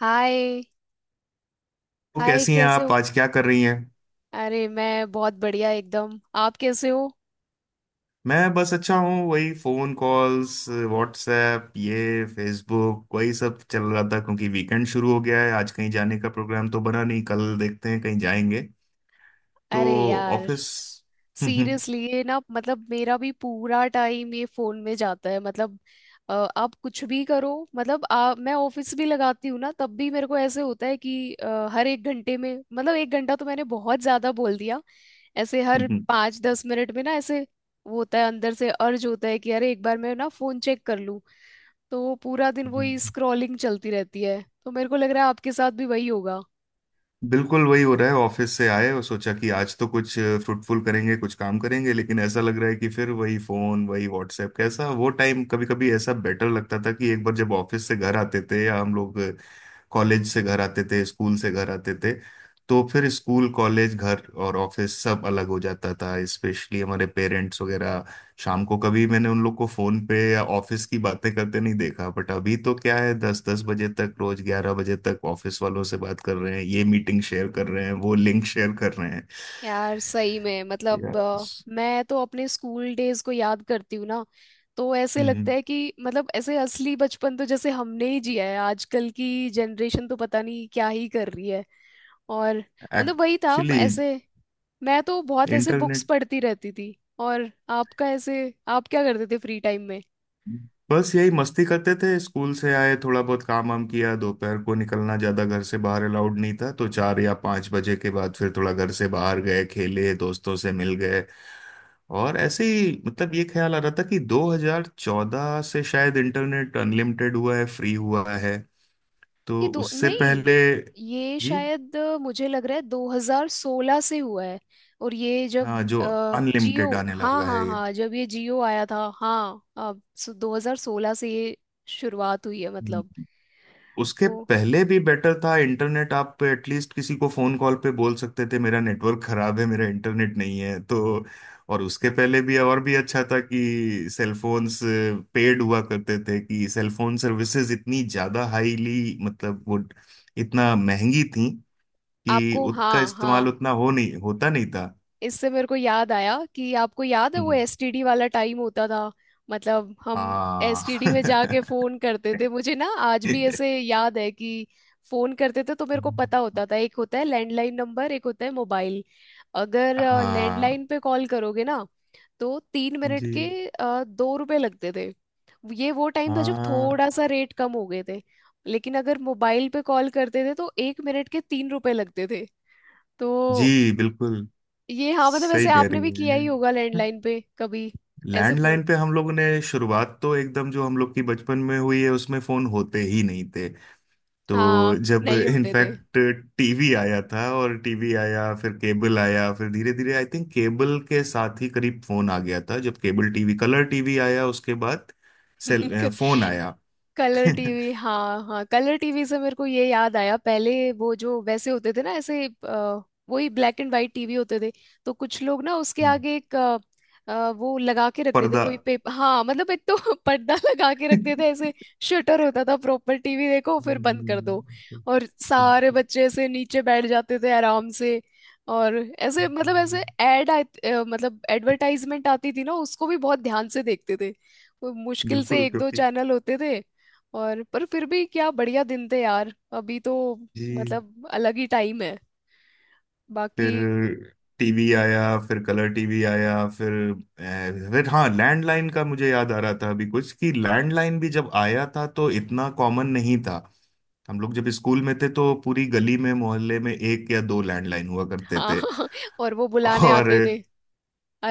हाय। तो हाय कैसी हैं कैसे आप, हो। आज क्या कर रही हैं? अरे मैं बहुत बढ़िया एकदम। आप कैसे हो। मैं बस अच्छा हूँ, वही फोन कॉल्स, व्हाट्सएप, ये फेसबुक, वही सब चल रहा था क्योंकि वीकेंड शुरू हो गया है। आज कहीं जाने का प्रोग्राम तो बना नहीं, कल देखते हैं कहीं जाएंगे। तो अरे यार ऑफिस। सीरियसली ये ना मतलब मेरा भी पूरा टाइम ये फोन में जाता है मतलब आप कुछ भी करो मतलब मैं ऑफिस भी लगाती हूँ ना तब भी मेरे को ऐसे होता है कि हर 1 घंटे में मतलब 1 घंटा तो मैंने बहुत ज्यादा बोल दिया। ऐसे हर पाँच दस मिनट में ना ऐसे वो होता है अंदर से अर्ज होता है कि अरे एक बार मैं ना फोन चेक कर लूं। तो पूरा दिन जी, वही स्क्रॉलिंग चलती रहती है तो मेरे को लग रहा है आपके साथ भी वही होगा। बिल्कुल वही हो रहा है। ऑफिस से आए और सोचा कि आज तो कुछ फ्रूटफुल करेंगे, कुछ काम करेंगे, लेकिन ऐसा लग रहा है कि फिर वही फोन, वही व्हाट्सएप। कैसा वो टाइम कभी कभी ऐसा बेटर लगता था कि एक बार जब ऑफिस से घर आते थे, या हम लोग कॉलेज से घर आते थे, स्कूल से घर आते थे, तो फिर स्कूल, कॉलेज, घर और ऑफिस सब अलग हो जाता था। स्पेशली हमारे पेरेंट्स वगैरह, शाम को कभी मैंने उन लोग को फोन पे या ऑफिस की बातें करते नहीं देखा। बट अभी तो क्या है, दस दस बजे तक रोज, 11 बजे तक ऑफिस वालों से बात कर रहे हैं, ये मीटिंग शेयर कर रहे हैं, वो लिंक शेयर कर रहे हैं। यार सही में मतलब यस। मैं तो अपने स्कूल डेज को याद करती हूँ ना। तो ऐसे लगता हम्म। है कि मतलब ऐसे असली बचपन तो जैसे हमने ही जिया है। आजकल की जनरेशन तो पता नहीं क्या ही कर रही है। और मतलब वही था एक्चुअली। ऐसे। मैं तो बहुत ऐसे बुक्स इंटरनेट। पढ़ती रहती थी। और आपका ऐसे आप क्या करते थे फ्री टाइम में। बस यही मस्ती करते थे, स्कूल से आए, थोड़ा बहुत काम वाम किया, दोपहर को निकलना ज्यादा घर से बाहर अलाउड नहीं था, तो 4 या 5 बजे के बाद फिर थोड़ा घर से बाहर गए, खेले, दोस्तों से मिल गए। और ऐसे ही मतलब ये ख्याल आ रहा था कि 2014 से शायद इंटरनेट अनलिमिटेड हुआ है, फ्री हुआ है। तो ये दो उससे नहीं। पहले। ये जी। शायद मुझे लग रहा है 2016 से हुआ है। और ये जब हाँ जो जियो अनलिमिटेड आने हाँ लगा हाँ है। हाँ जब ये जियो आया था हाँ। अब सो 2016 से ये शुरुआत हुई है ये मतलब। उसके तो पहले भी बेटर था इंटरनेट, आप एटलीस्ट किसी को फोन कॉल पे बोल सकते थे, मेरा नेटवर्क खराब है, मेरा इंटरनेट नहीं है। तो और उसके पहले भी और भी अच्छा था कि सेलफोन्स पेड हुआ करते थे, कि सेलफोन सर्विसेज इतनी ज्यादा हाईली मतलब वो इतना महंगी थी कि आपको हाँ उसका इस्तेमाल हाँ उतना हो नहीं होता, नहीं था। इससे मेरे को याद आया कि आपको याद है वो हम्म। एसटीडी वाला टाइम होता था। मतलब हम हाँ। एसटीडी में जाके फोन करते थे। मुझे ना आज भी ऐसे याद है कि फोन करते थे तो मेरे को पता होता था एक होता है लैंडलाइन नंबर एक होता है मोबाइल। अगर हाँ। लैंडलाइन पे कॉल करोगे ना तो 3 मिनट जी। के 2 रुपए लगते थे। ये वो टाइम था जब हाँ। थोड़ा सा रेट कम हो गए थे। लेकिन अगर मोबाइल पे कॉल करते थे तो 1 मिनट के 3 रुपए लगते थे। तो जी बिल्कुल, ये हाँ मतलब सही ऐसे कह आपने रही भी किया हैं। ही होगा लैंडलाइन पे कभी। ऐसे लैंडलाइन फोन पे हम लोगों ने शुरुआत, तो एकदम जो हम लोग की बचपन में हुई है उसमें फोन होते ही नहीं थे। तो हाँ जब नहीं होते थे। इनफैक्ट टीवी आया था, और टीवी आया फिर केबल आया, फिर धीरे धीरे आई थिंक केबल के साथ ही करीब फोन आ गया था। जब केबल टीवी, कलर टीवी आया, उसके बाद फोन आया। कलर टीवी हाँ हाँ कलर टीवी से मेरे को ये याद आया पहले वो जो वैसे होते थे ना ऐसे वही ब्लैक एंड वाइट टीवी होते थे। तो कुछ लोग ना उसके आगे एक वो लगा के रखते थे पर्दा। कोई पेपर हाँ मतलब एक तो पर्दा लगा के रखते थे ऐसे। शटर होता था प्रॉपर टीवी देखो फिर बंद कर दो। और सारे बच्चे ऐसे नीचे बैठ जाते थे आराम से। और ऐसे मतलब ऐसे एड मतलब एडवर्टाइजमेंट आती थी ना उसको भी बहुत ध्यान से देखते थे। वो मुश्किल से बिल्कुल एक दो क्योंकि। चैनल होते थे। और पर फिर भी क्या बढ़िया दिन थे यार। अभी तो जी। मतलब अलग ही टाइम है बाकी। फिर टीवी आया, फिर कलर टीवी आया, फिर फिर हाँ लैंडलाइन का मुझे याद आ रहा था अभी कुछ, कि लैंडलाइन भी जब आया था तो इतना कॉमन नहीं था। हम लोग जब स्कूल में थे तो पूरी गली में, मोहल्ले में एक या दो लैंडलाइन हुआ करते हाँ थे। और वो बुलाने और आते थे।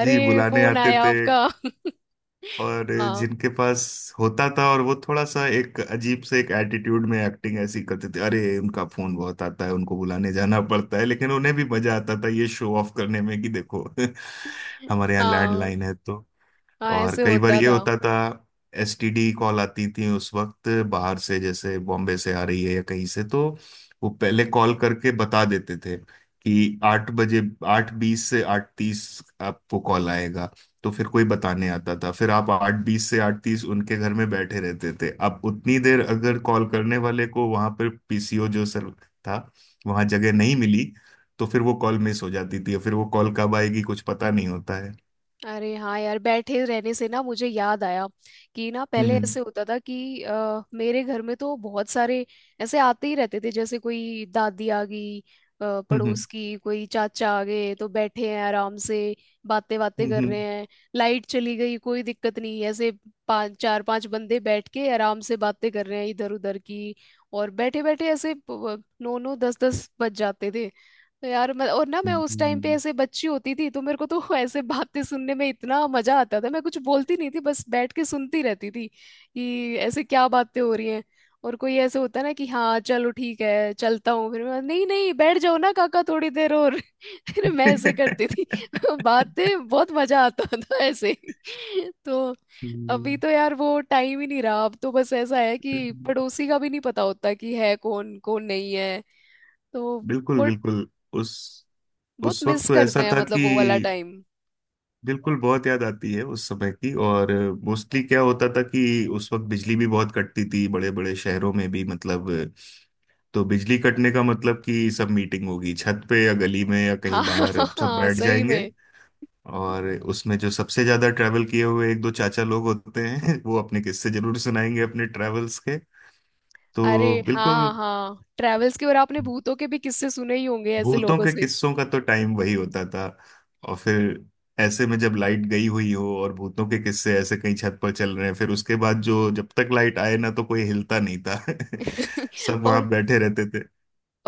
जी, बुलाने फोन आते आया थे। आपका और हाँ जिनके पास होता था, और वो थोड़ा सा एक अजीब से एक एटीट्यूड में एक्टिंग ऐसी करते थे, अरे उनका फोन बहुत आता है, उनको बुलाने जाना पड़ता है, लेकिन उन्हें भी मजा आता था ये शो ऑफ करने में कि देखो हमारे यहाँ हाँ लैंडलाइन है। तो हाँ और ऐसे कई बार होता ये था। होता था, एसटीडी कॉल आती थी उस वक्त बाहर से, जैसे बॉम्बे से आ रही है या कहीं से, तो वो पहले कॉल करके बता देते थे कि 8 बजे, 8:20 से 8:30 आपको कॉल आएगा। तो फिर कोई बताने आता था, फिर आप 8:20 से 8:30 उनके घर में बैठे रहते थे। अब उतनी देर अगर कॉल करने वाले को वहां पर पीसीओ जो सर था, वहां जगह नहीं मिली, तो फिर वो कॉल मिस हो जाती थी, और फिर वो कॉल कब आएगी कुछ पता नहीं होता है। अरे हाँ यार बैठे रहने से ना मुझे याद आया कि ना हम्म। पहले हम्म। ऐसे होता था कि मेरे घर में तो बहुत सारे ऐसे आते ही रहते थे जैसे कोई दादी आ गई हम्म। पड़ोस हम्म। की कोई चाचा आ गए तो बैठे हैं आराम से। बातें बातें कर हम्म। रहे हैं। लाइट चली गई कोई दिक्कत नहीं ऐसे। पांच चार पांच बंदे बैठ के आराम से बातें कर रहे हैं इधर उधर की। और बैठे बैठे ऐसे नौ नौ दस दस बज जाते थे। तो यार मैं और ना मैं उस टाइम पे हम्म। ऐसे बच्ची होती थी तो मेरे को तो ऐसे बातें सुनने में इतना मजा आता था। मैं कुछ बोलती नहीं थी बस बैठ के सुनती रहती थी कि ऐसे क्या बातें हो रही हैं। और कोई ऐसे होता है ना कि हाँ चलो ठीक है चलता हूँ फिर मैं नहीं नहीं बैठ जाओ ना काका थोड़ी देर और फिर मैं ऐसे करती थी। बातें बहुत मजा आता था ऐसे तो अभी हम्म। तो यार वो टाइम ही नहीं रहा। अब तो बस ऐसा है कि पड़ोसी का भी नहीं पता होता कि है कौन कौन नहीं है तो बिल्कुल, वो बिल्कुल। उस बहुत उस वक्त मिस तो करते ऐसा हैं था कि मतलब वो वाला टाइम। बिल्कुल बहुत याद आती है उस समय की। और मोस्टली क्या होता था कि उस वक्त बिजली भी बहुत कटती थी, बड़े बड़े शहरों में भी मतलब। तो बिजली कटने का मतलब कि सब मीटिंग होगी, छत पे या गली में या कहीं हाँ बाहर सब हाँ बैठ सही जाएंगे। में। और उसमें जो सबसे ज्यादा ट्रैवल किए हुए एक दो चाचा लोग होते हैं वो अपने किस्से जरूर सुनाएंगे अपने ट्रैवल्स के। अरे तो हाँ बिल्कुल, हाँ ट्रेवल्स के और आपने भूतों के भी किस्से सुने ही होंगे ऐसे भूतों लोगों के से। किस्सों का तो टाइम वही होता था। और फिर ऐसे में जब लाइट गई हुई हो और भूतों के किस्से ऐसे कहीं छत पर चल रहे हैं, फिर उसके बाद जो, जब तक लाइट आए ना तो कोई हिलता नहीं था। सब और वहां बैठे रहते थे।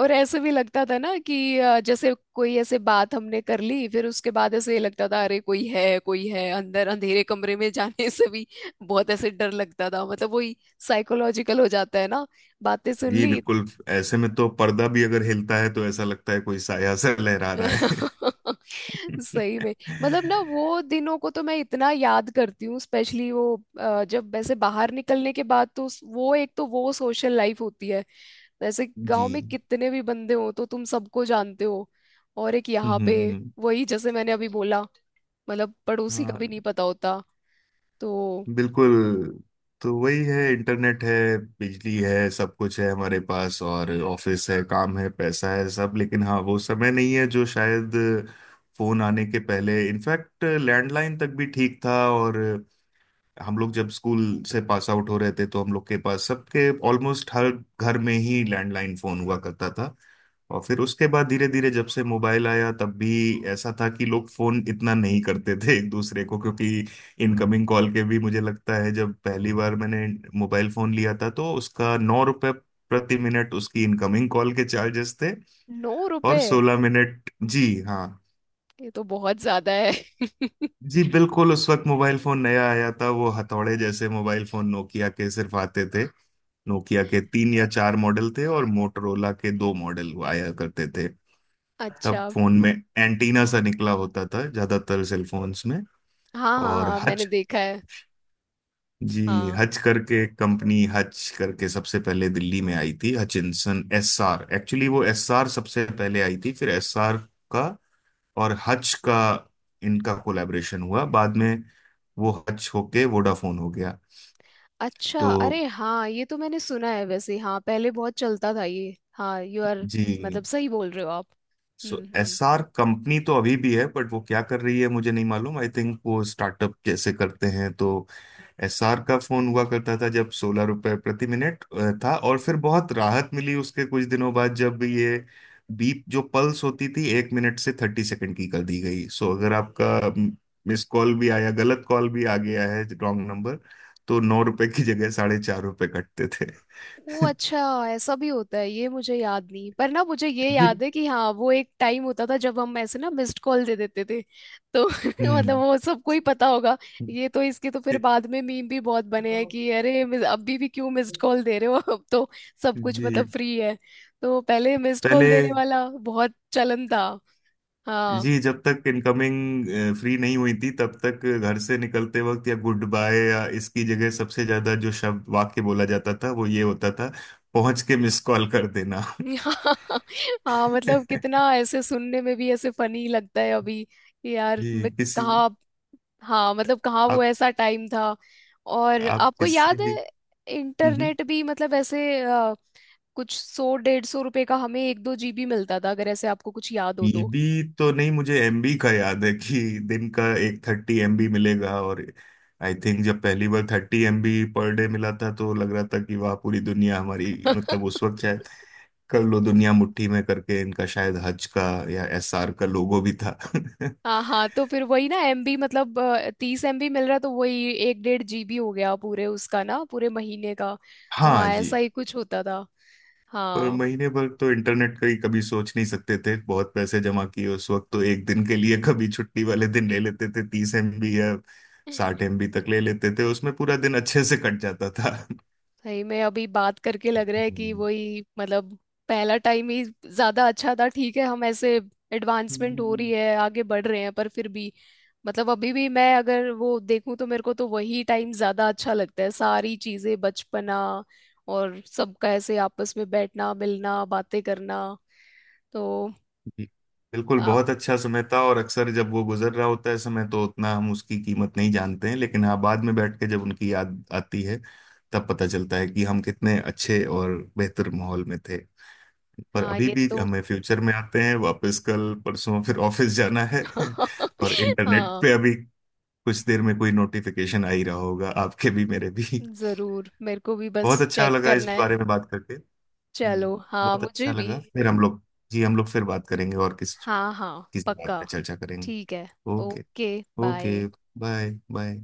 और ऐसे भी लगता था ना कि जैसे कोई ऐसे बात हमने कर ली फिर उसके बाद ऐसे लगता था अरे कोई है अंदर अंधेरे कमरे में जाने से भी बहुत ऐसे डर लगता था मतलब वही साइकोलॉजिकल हो जाता है ना। बातें सुन जी ली। बिल्कुल, ऐसे में तो पर्दा भी अगर हिलता है तो ऐसा लगता है कोई साया सा लहरा रहा है। सही में। मतलब ना वो दिनों को तो मैं इतना याद करती हूँ स्पेशली वो जब वैसे बाहर निकलने के बाद तो वो एक तो वो सोशल लाइफ होती है। वैसे जी। गांव में कितने भी बंदे हो तो तुम सबको जानते हो। और एक यहाँ हम्म। हम्म। पे हम्म। वही जैसे मैंने अभी बोला। मतलब पड़ोसी का हाँ, भी नहीं पता होता। तो बिल्कुल। तो वही है, इंटरनेट है, बिजली है, सब कुछ है हमारे पास, और ऑफिस है, काम है, पैसा है, सब। लेकिन हाँ, वो समय नहीं है जो शायद फोन आने के पहले, इनफैक्ट लैंडलाइन तक भी ठीक था, और हम लोग जब स्कूल से पास आउट हो रहे थे, तो हम लोग के पास सबके ऑलमोस्ट हर घर में ही लैंडलाइन फोन हुआ करता था। और फिर उसके बाद धीरे धीरे जब से मोबाइल आया, तब भी ऐसा था कि लोग फोन इतना नहीं करते थे एक दूसरे को, क्योंकि इनकमिंग कॉल के भी मुझे लगता है जब पहली बार मैंने मोबाइल फोन लिया था तो उसका 9 रुपए प्रति मिनट उसकी इनकमिंग कॉल के चार्जेस थे। नौ और रुपए। 16 मिनट, जी हाँ। ये तो बहुत ज्यादा है। जी बिल्कुल, उस वक्त मोबाइल फोन नया आया था, वो हथौड़े जैसे मोबाइल फोन नोकिया के सिर्फ आते थे। नोकिया के 3 या 4 मॉडल थे और मोटरोला के 2 मॉडल आया करते थे। अच्छा। तब फोन में एंटीना सा निकला होता था ज्यादातर सेलफोन्स में। हाँ हाँ और हाँ मैंने हच। देखा है। जी, हाँ हच करके कंपनी, हच करके सबसे पहले दिल्ली में आई थी। हचिंसन एस आर एक्चुअली, वो एस आर सबसे पहले आई थी, फिर एस आर का और हच का इनका कोलैबोरेशन हुआ बाद में, वो हच होके वोडाफोन हो गया। अच्छा तो अरे हाँ ये तो मैंने सुना है वैसे हाँ पहले बहुत चलता था ये हाँ यू आर। जी, मतलब सही बोल रहे हो आप। So hmm hmm S R company तो अभी भी है, बट वो क्या कर रही है मुझे नहीं मालूम, आई थिंक वो स्टार्टअप जैसे करते हैं। तो एसआर का फोन हुआ करता था जब 16 रुपए प्रति मिनट था। और फिर बहुत राहत मिली उसके कुछ दिनों बाद जब ये बीप जो पल्स होती थी 1 मिनट से 30 सेकंड की कर दी गई। सो अगर आपका मिस कॉल भी आया, गलत कॉल भी आ गया है, रॉन्ग नंबर, तो 9 रुपए की जगह 4.5 रुपए कटते थे। वो अच्छा। ऐसा भी होता है ये मुझे याद नहीं पर ना मुझे ये जी। याद है कि हाँ वो एक टाइम होता था जब हम ऐसे ना मिस्ड कॉल दे देते थे। तो मतलब हम्म। वो सबको ही पता होगा। ये तो इसके तो फिर बाद में मीम भी बहुत बने हैं कि अरे अभी भी क्यों मिस्ड कॉल दे रहे हो अब तो सब कुछ जी मतलब फ्री है। तो पहले मिस्ड कॉल देने पहले। वाला बहुत चलन था। हाँ जी, जब तक इनकमिंग फ्री नहीं हुई थी, तब तक घर से निकलते वक्त, या गुड बाय या इसकी जगह सबसे ज्यादा जो शब्द वाक्य बोला जाता था वो ये होता था, पहुंच के मिस कॉल कर देना। हाँ हाँ मतलब कितना ऐसे सुनने में भी ऐसे फनी लगता है अभी कि यार जी। मैं किसी कहाँ। हाँ मतलब कहाँ वो आप। ऐसा टाइम था। और आप आपको किसी याद भी। है हम्म। इंटरनेट भी मतलब ऐसे कुछ सौ 150 रुपए का हमें एक दो जीबी मिलता था अगर ऐसे आपको कुछ याद हो तो। एबी तो नहीं, मुझे एमबी का याद है कि दिन का एक 30 एमबी मिलेगा, और आई थिंक जब पहली बार 30 एमबी पर डे मिला था तो लग रहा था कि वाह पूरी दुनिया हमारी, मतलब उस वक्त शायद कर लो दुनिया मुट्ठी में, करके इनका शायद हज का या एसआर का लोगो भी था। हाँ हाँ तो फिर वही ना एमबी मतलब 30 एमबी मिल रहा है तो वही एक डेढ़ जीबी हो गया पूरे उसका ना पूरे महीने का। तो हाँ। हाँ जी, ऐसा ही कुछ होता था। पर हाँ महीने भर तो इंटरनेट का ही कभी सोच नहीं सकते थे, बहुत पैसे जमा किए उस वक्त तो, एक दिन के लिए कभी छुट्टी वाले दिन ले लेते थे 30 एमबी या 60 एमबी तक ले लेते थे, उसमें पूरा दिन अच्छे से कट जाता था। भाई मैं अभी बात करके लग रहा है कि वही मतलब पहला टाइम ही ज्यादा अच्छा था। ठीक है हम ऐसे एडवांसमेंट हो रही हम्म। है आगे बढ़ रहे हैं। पर फिर भी मतलब अभी भी मैं अगर वो देखूं तो मेरे को तो वही टाइम ज्यादा अच्छा लगता है। सारी चीजें बचपना और सबका ऐसे आपस में बैठना मिलना बातें करना। तो जी। बिल्कुल, आप बहुत अच्छा समय था, और अक्सर जब वो गुजर रहा होता है समय तो उतना हम उसकी कीमत नहीं जानते हैं, लेकिन हाँ बाद में बैठ के जब उनकी याद आती है, तब पता चलता है कि हम कितने अच्छे और बेहतर माहौल में थे। पर हाँ अभी ये भी तो हमें फ्यूचर में आते हैं, वापस कल परसों फिर ऑफिस जाना है। और इंटरनेट हाँ पे अभी कुछ देर में कोई नोटिफिकेशन आ ही रहा होगा, आपके भी मेरे भी। जरूर मेरे को भी बहुत बस अच्छा चेक लगा इस करना है। बारे में बात करके। जी, चलो हाँ बहुत अच्छा मुझे भी लगा। फिर हम लोग, जी हम लोग फिर बात करेंगे और किस, हाँ हाँ किसी बात पक्का पे चर्चा करेंगे। ठीक है okay. Okay bye. Okay. Bye. Bye.